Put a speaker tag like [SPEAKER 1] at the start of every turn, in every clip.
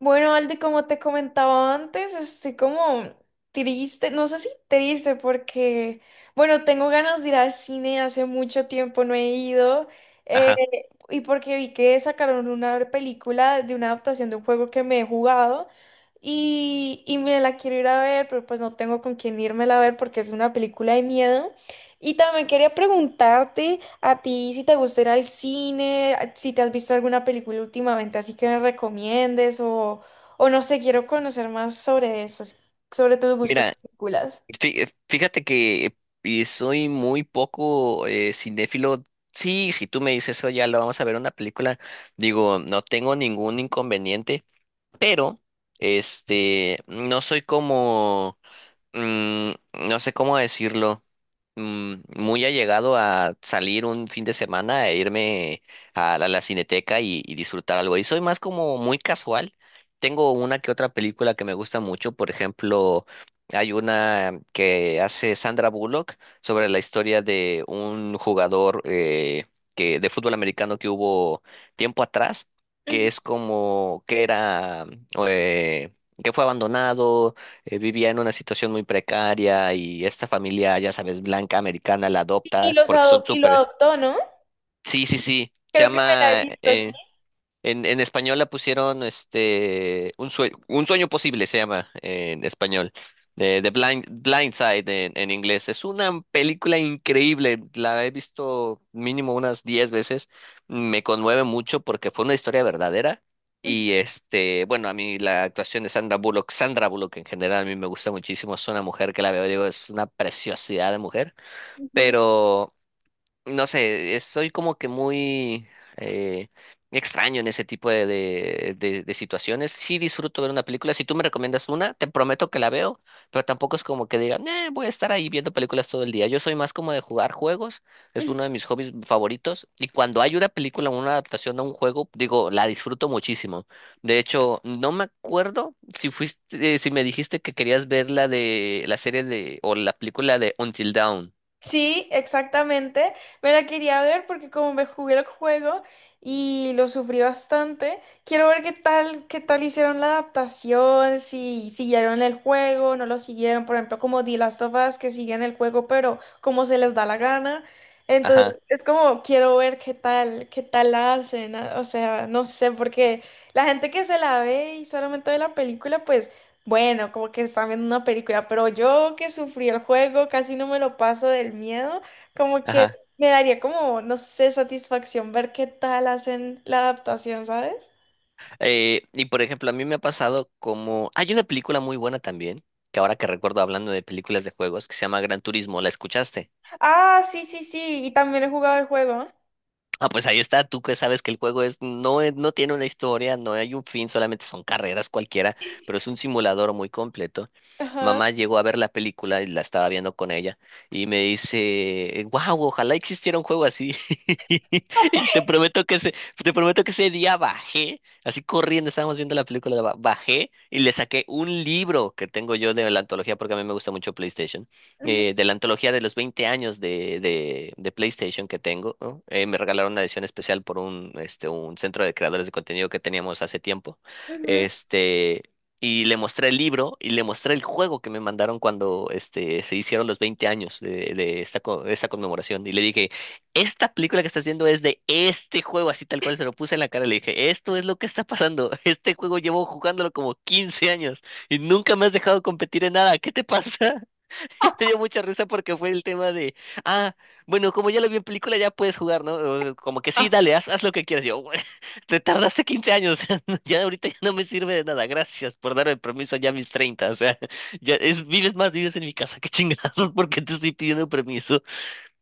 [SPEAKER 1] Bueno, Aldi, como te comentaba antes, estoy como triste. No sé si triste porque, bueno, tengo ganas de ir al cine, hace mucho tiempo no he ido. eh,
[SPEAKER 2] Ajá.
[SPEAKER 1] y porque vi que sacaron una película de una adaptación de un juego que me he jugado, y me la quiero ir a ver, pero pues no tengo con quién irme a ver porque es una película de miedo. Y también quería preguntarte. A ti, si te gusta ir al cine, si te has visto alguna película últimamente, así que me recomiendes, o no sé, quiero conocer más sobre eso, sobre tus gustos de
[SPEAKER 2] Mira,
[SPEAKER 1] películas.
[SPEAKER 2] fíjate que soy muy poco cinéfilo. Sí, si tú me dices eso, ya lo vamos a ver una película. Digo, no tengo ningún inconveniente, pero este, no soy como mm, no sé cómo decirlo, muy allegado a salir un fin de semana e irme a la cineteca y disfrutar algo. Y soy más como muy casual. Tengo una que otra película que me gusta mucho, por ejemplo, hay una que hace Sandra Bullock sobre la historia de un jugador de fútbol americano que hubo tiempo atrás, que
[SPEAKER 1] Ujú.
[SPEAKER 2] es como que era, eh, que fue abandonado, vivía en una situación muy precaria, y esta familia, ya sabes, blanca americana la adopta porque son
[SPEAKER 1] Y lo
[SPEAKER 2] súper.
[SPEAKER 1] adoptó, ¿no?
[SPEAKER 2] Sí, sí, sí. Se
[SPEAKER 1] Creo que me la he
[SPEAKER 2] llama,
[SPEAKER 1] visto, sí.
[SPEAKER 2] en español la pusieron, este, Un Sueño, Un Sueño Posible se llama en español. Blind Side en inglés. Es una película increíble. La he visto mínimo unas 10 veces. Me conmueve mucho porque fue una historia verdadera. Y este, bueno, a mí la actuación de Sandra Bullock en general a mí me gusta muchísimo. Es una mujer que la veo, digo, es una preciosidad de mujer.
[SPEAKER 1] Ujú.
[SPEAKER 2] Pero no sé, soy como que muy eh, extraño en ese tipo de situaciones. Sí, disfruto ver una película. Si tú me recomiendas una, te prometo que la veo, pero tampoco es como que diga: "Nah, voy a estar ahí viendo películas todo el día". Yo soy más como de jugar juegos, es uno de mis hobbies favoritos. Y cuando hay una película o una adaptación a un juego, digo, la disfruto muchísimo. De hecho, no me acuerdo si fuiste, si me dijiste que querías ver la de la serie de o la película de Until Dawn.
[SPEAKER 1] Sí, exactamente. Me la quería ver porque como me jugué el juego y lo sufrí bastante, quiero ver qué tal hicieron la adaptación, si siguieron el juego, no lo siguieron, por ejemplo, como The Last of Us, que siguen el juego, pero como se les da la gana. Entonces,
[SPEAKER 2] Ajá,
[SPEAKER 1] es como quiero ver qué tal la hacen. Ah, o sea, no sé, porque la gente que se la ve y solamente ve la película, pues bueno, como que están viendo una película, pero yo que sufrí el juego, casi no me lo paso del miedo, como que
[SPEAKER 2] ajá.
[SPEAKER 1] me daría como, no sé, satisfacción ver qué tal hacen la adaptación, ¿sabes?
[SPEAKER 2] Y por ejemplo, a mí me ha pasado como... Hay una película muy buena también, que ahora que recuerdo, hablando de películas de juegos, que se llama Gran Turismo, ¿la escuchaste?
[SPEAKER 1] Ah, sí, sí, sí, y también he jugado el juego.
[SPEAKER 2] Ah, pues ahí está, tú que sabes que el juego, es, no, no tiene una historia, no hay un fin, solamente son carreras cualquiera, pero es un simulador muy completo.
[SPEAKER 1] Ajá.
[SPEAKER 2] Mamá llegó a ver la película y la estaba viendo con ella y me dice: wow, ojalá existiera un juego así. Y te prometo que ese, te prometo que ese día bajé, así corriendo, estábamos viendo la película, bajé y le saqué un libro que tengo yo de la antología, porque a mí me gusta mucho PlayStation,
[SPEAKER 1] Ujú,
[SPEAKER 2] de la antología de los 20 años de PlayStation que tengo, ¿no? Me regalaron una edición especial por un, este, un centro de creadores de contenido que teníamos hace tiempo.
[SPEAKER 1] ujú.
[SPEAKER 2] Este, y le mostré el libro y le mostré el juego que me mandaron cuando este, se hicieron los 20 años de esta, de esta conmemoración. Y le dije, esta película que estás viendo es de este juego, así tal cual se lo puse en la cara. Le dije, esto es lo que está pasando. Este juego llevo jugándolo como 15 años y nunca me has dejado competir en nada. ¿Qué te pasa? Me dio mucha risa porque fue el tema de, ah, bueno, como ya lo vi en película, ya puedes jugar, ¿no? O como que sí, dale, haz lo que quieras. Yo, "Bueno, te tardaste 15 años, ya ahorita ya no me sirve de nada. Gracias por darme permiso ya a mis 30, o sea, ya es, vives más, vives en mi casa, qué chingados, porque te estoy pidiendo permiso".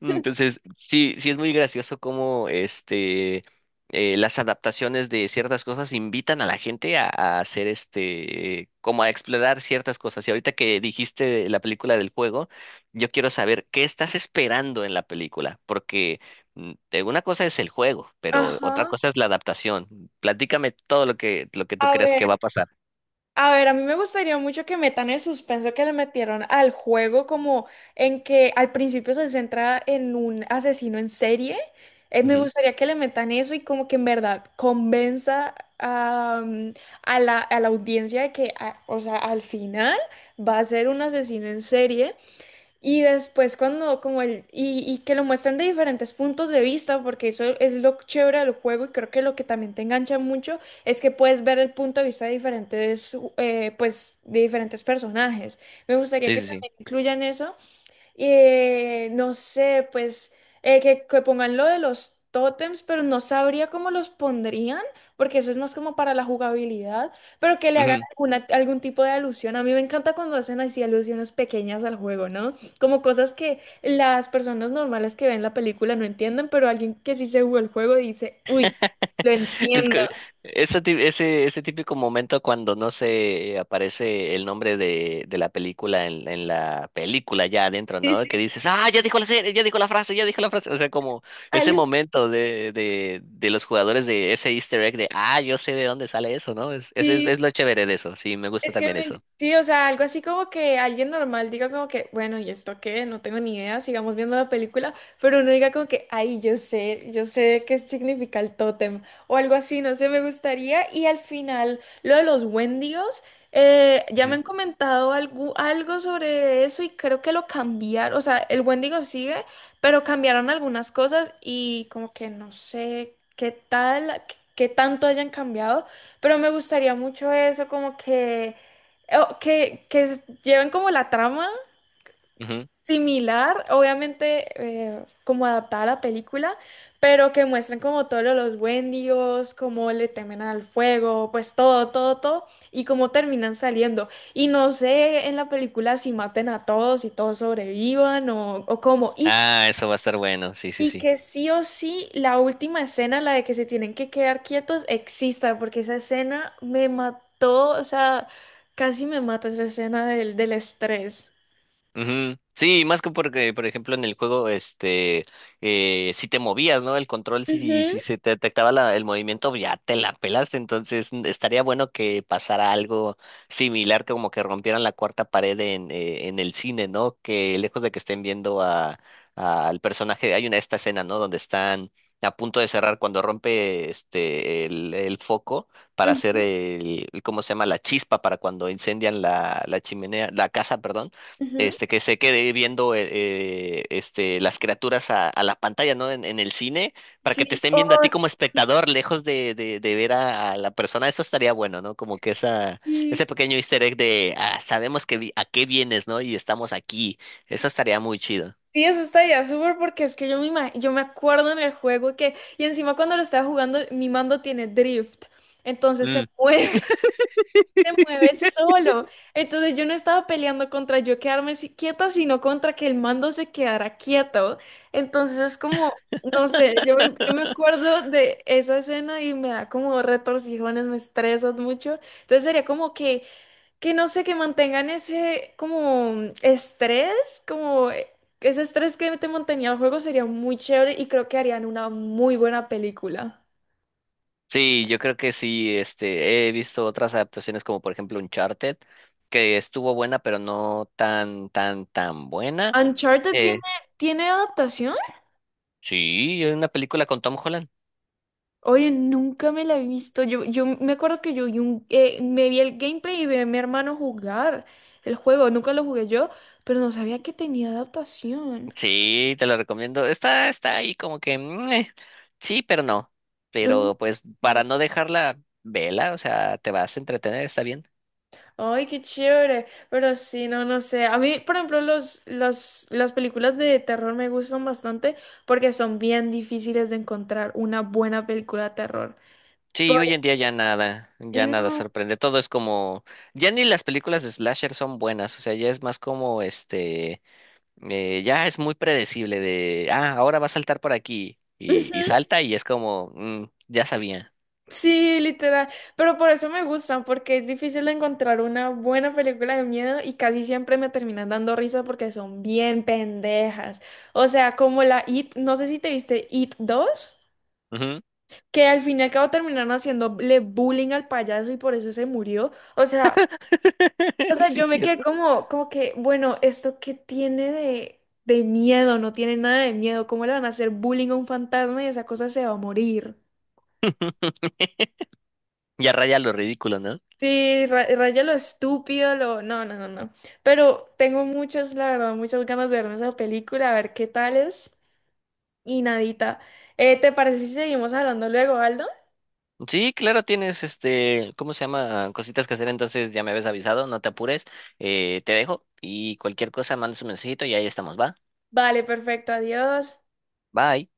[SPEAKER 2] Entonces, sí, sí es muy gracioso cómo este, las adaptaciones de ciertas cosas invitan a la gente a hacer este, como a explorar ciertas cosas. Y ahorita que dijiste la película del juego, yo quiero saber qué estás esperando en la película, porque una cosa es el juego, pero otra
[SPEAKER 1] Ajá.
[SPEAKER 2] cosa es la adaptación. Platícame todo lo que tú
[SPEAKER 1] A
[SPEAKER 2] creas que va a
[SPEAKER 1] ver.
[SPEAKER 2] pasar.
[SPEAKER 1] A ver, a mí me gustaría mucho que metan el suspenso que le metieron al juego, como en que al principio se centra en un asesino en serie. Me
[SPEAKER 2] Ujú.
[SPEAKER 1] gustaría que le metan eso y como que en verdad convenza a, a la audiencia de que, o sea, al final va a ser un asesino en serie. Y después cuando como y que lo muestran de diferentes puntos de vista, porque eso es lo chévere del juego y creo que lo que también te engancha mucho es que puedes ver el punto de vista de diferentes, pues, de diferentes personajes. Me gustaría
[SPEAKER 2] Sí,
[SPEAKER 1] que
[SPEAKER 2] sí,
[SPEAKER 1] también incluyan eso. No sé, pues, que pongan lo de los tótems, pero no sabría cómo los pondrían, porque eso es más como para la jugabilidad, pero que le hagan
[SPEAKER 2] sí.
[SPEAKER 1] algún tipo de alusión. A mí me encanta cuando hacen así alusiones pequeñas al juego, ¿no? Como cosas que las personas normales que ven la película no entienden, pero alguien que sí se jugó el juego dice, uy, lo
[SPEAKER 2] Es
[SPEAKER 1] entiendo.
[SPEAKER 2] que ese típico momento cuando no se aparece el nombre de la película en la película ya adentro,
[SPEAKER 1] Sí,
[SPEAKER 2] ¿no? Que
[SPEAKER 1] sí.
[SPEAKER 2] dices, ah, ya dijo la serie, ya dijo la frase, ya dijo la frase. O sea, como ese
[SPEAKER 1] Algo
[SPEAKER 2] momento de, de los jugadores, de ese Easter egg de, ah, yo sé de dónde sale eso, ¿no? Es
[SPEAKER 1] así.
[SPEAKER 2] es lo chévere de eso. Sí, me gusta
[SPEAKER 1] Es que
[SPEAKER 2] también eso.
[SPEAKER 1] sí, o sea, algo así como que alguien normal diga como que, bueno, ¿y esto qué? No tengo ni idea, sigamos viendo la película, pero uno diga como que, ay, yo sé qué significa el tótem, o algo así, no sé, me gustaría. Y al final, lo de los Wendigos. Ya me
[SPEAKER 2] Ujú,
[SPEAKER 1] han comentado algo, algo sobre eso y creo que lo cambiaron. O sea, el Wendigo sigue, pero cambiaron algunas cosas y como que no sé qué tal, qué tanto hayan cambiado. Pero me gustaría mucho eso, como que, lleven como la trama
[SPEAKER 2] ujú.
[SPEAKER 1] similar, obviamente, como adaptada a la película, pero que muestren como todos los Wendigos, cómo le temen al fuego, pues todo, todo, todo, y cómo terminan saliendo. Y no sé en la película si maten a todos y todos sobrevivan, o cómo. Y
[SPEAKER 2] Ah, eso va a estar bueno. Sí, sí,
[SPEAKER 1] y
[SPEAKER 2] sí.
[SPEAKER 1] que sí o sí la última escena, la de que se tienen que quedar quietos, exista, porque esa escena me mató. O sea, casi me mató esa escena del estrés.
[SPEAKER 2] Ujú. Sí, más que porque, por ejemplo, en el juego, este, si te movías, ¿no? El control,
[SPEAKER 1] Ujú,
[SPEAKER 2] si se te detectaba el movimiento, ya te la pelaste. Entonces, estaría bueno que pasara algo similar, como que rompieran la cuarta pared en el cine, ¿no? Que lejos de que estén viendo a, al personaje, hay una esta escena, ¿no? Donde están a punto de cerrar cuando rompe este el foco para hacer
[SPEAKER 1] ujú,
[SPEAKER 2] ¿cómo se llama? La chispa para cuando incendian la, la chimenea, la casa, perdón,
[SPEAKER 1] ujú.
[SPEAKER 2] este, que se quede viendo este, las criaturas a la pantalla, ¿no? En el cine, para que te
[SPEAKER 1] Sí,
[SPEAKER 2] estén
[SPEAKER 1] oh,
[SPEAKER 2] viendo a ti como espectador, lejos de, de ver a la persona. Eso estaría bueno, ¿no? Como que esa,
[SPEAKER 1] sí.
[SPEAKER 2] ese pequeño easter egg de, ah, sabemos que a qué vienes, ¿no? Y estamos aquí. Eso estaría muy chido.
[SPEAKER 1] Sí, eso estaría súper porque es que yo me acuerdo en el juego que, y encima cuando lo estaba jugando, mi mando tiene drift, entonces se
[SPEAKER 2] Mm,
[SPEAKER 1] mueve. Te mueves solo. Entonces yo no estaba peleando contra yo quedarme quieta, sino contra que el mando se quedara quieto. Entonces es como, no sé, yo me acuerdo de esa escena y me da como retorcijones, me estresas mucho. Entonces sería como que, no sé, que mantengan ese como estrés, como ese estrés que te mantenía el juego sería muy chévere y creo que harían una muy buena película.
[SPEAKER 2] sí, yo creo que sí, este, he visto otras adaptaciones como por ejemplo Uncharted, que estuvo buena, pero no tan, tan buena.
[SPEAKER 1] Uncharted tiene,
[SPEAKER 2] Eh,
[SPEAKER 1] tiene adaptación.
[SPEAKER 2] sí, es una película con Tom Holland.
[SPEAKER 1] Oye, nunca me la he visto. Yo me acuerdo que yo vi me vi el gameplay y vi a mi hermano jugar el juego. Nunca lo jugué yo, pero no sabía que tenía adaptación.
[SPEAKER 2] Sí, te lo recomiendo. Está, está ahí como que sí, pero no.
[SPEAKER 1] No.
[SPEAKER 2] Pero pues para no dejarla vela, o sea, te vas a entretener, está bien.
[SPEAKER 1] Ay, qué chévere. Pero sí, no, no sé. A mí, por ejemplo, las películas de terror me gustan bastante porque son bien difíciles de encontrar una buena película de terror. Por-
[SPEAKER 2] Sí, hoy en día ya nada
[SPEAKER 1] No.
[SPEAKER 2] sorprende. Todo es como, ya ni las películas de slasher son buenas, o sea, ya es más como este, ya es muy predecible de, ah, ahora va a saltar por aquí y salta y es como, "Mm, ya sabía".
[SPEAKER 1] Sí, literal. Pero por eso me gustan, porque es difícil encontrar una buena película de miedo y casi siempre me terminan dando risa porque son bien pendejas. O sea, como la It, no sé si te viste It 2,
[SPEAKER 2] Ujú.
[SPEAKER 1] que al fin y al cabo terminaron haciéndole bullying al payaso y por eso se murió. O sea, o sea,
[SPEAKER 2] Sí,
[SPEAKER 1] yo me quedé
[SPEAKER 2] cierto.
[SPEAKER 1] como, como que, bueno, ¿esto qué tiene de miedo? No tiene nada de miedo. ¿Cómo le van a hacer bullying a un fantasma y esa cosa se va a morir?
[SPEAKER 2] Ya raya lo ridículo, ¿no?
[SPEAKER 1] Sí, raya lo estúpido, lo... No, no, no, no. Pero tengo muchas, la verdad, muchas ganas de verme esa película, a ver qué tal es. Y nadita. ¿Te parece si seguimos hablando luego, Aldo?
[SPEAKER 2] Sí, claro, tienes este, ¿cómo se llama? Cositas que hacer, entonces ya me habías avisado, no te apures, te dejo y cualquier cosa mandas un mensajito y ahí estamos, va.
[SPEAKER 1] Vale, perfecto, adiós.
[SPEAKER 2] Bye.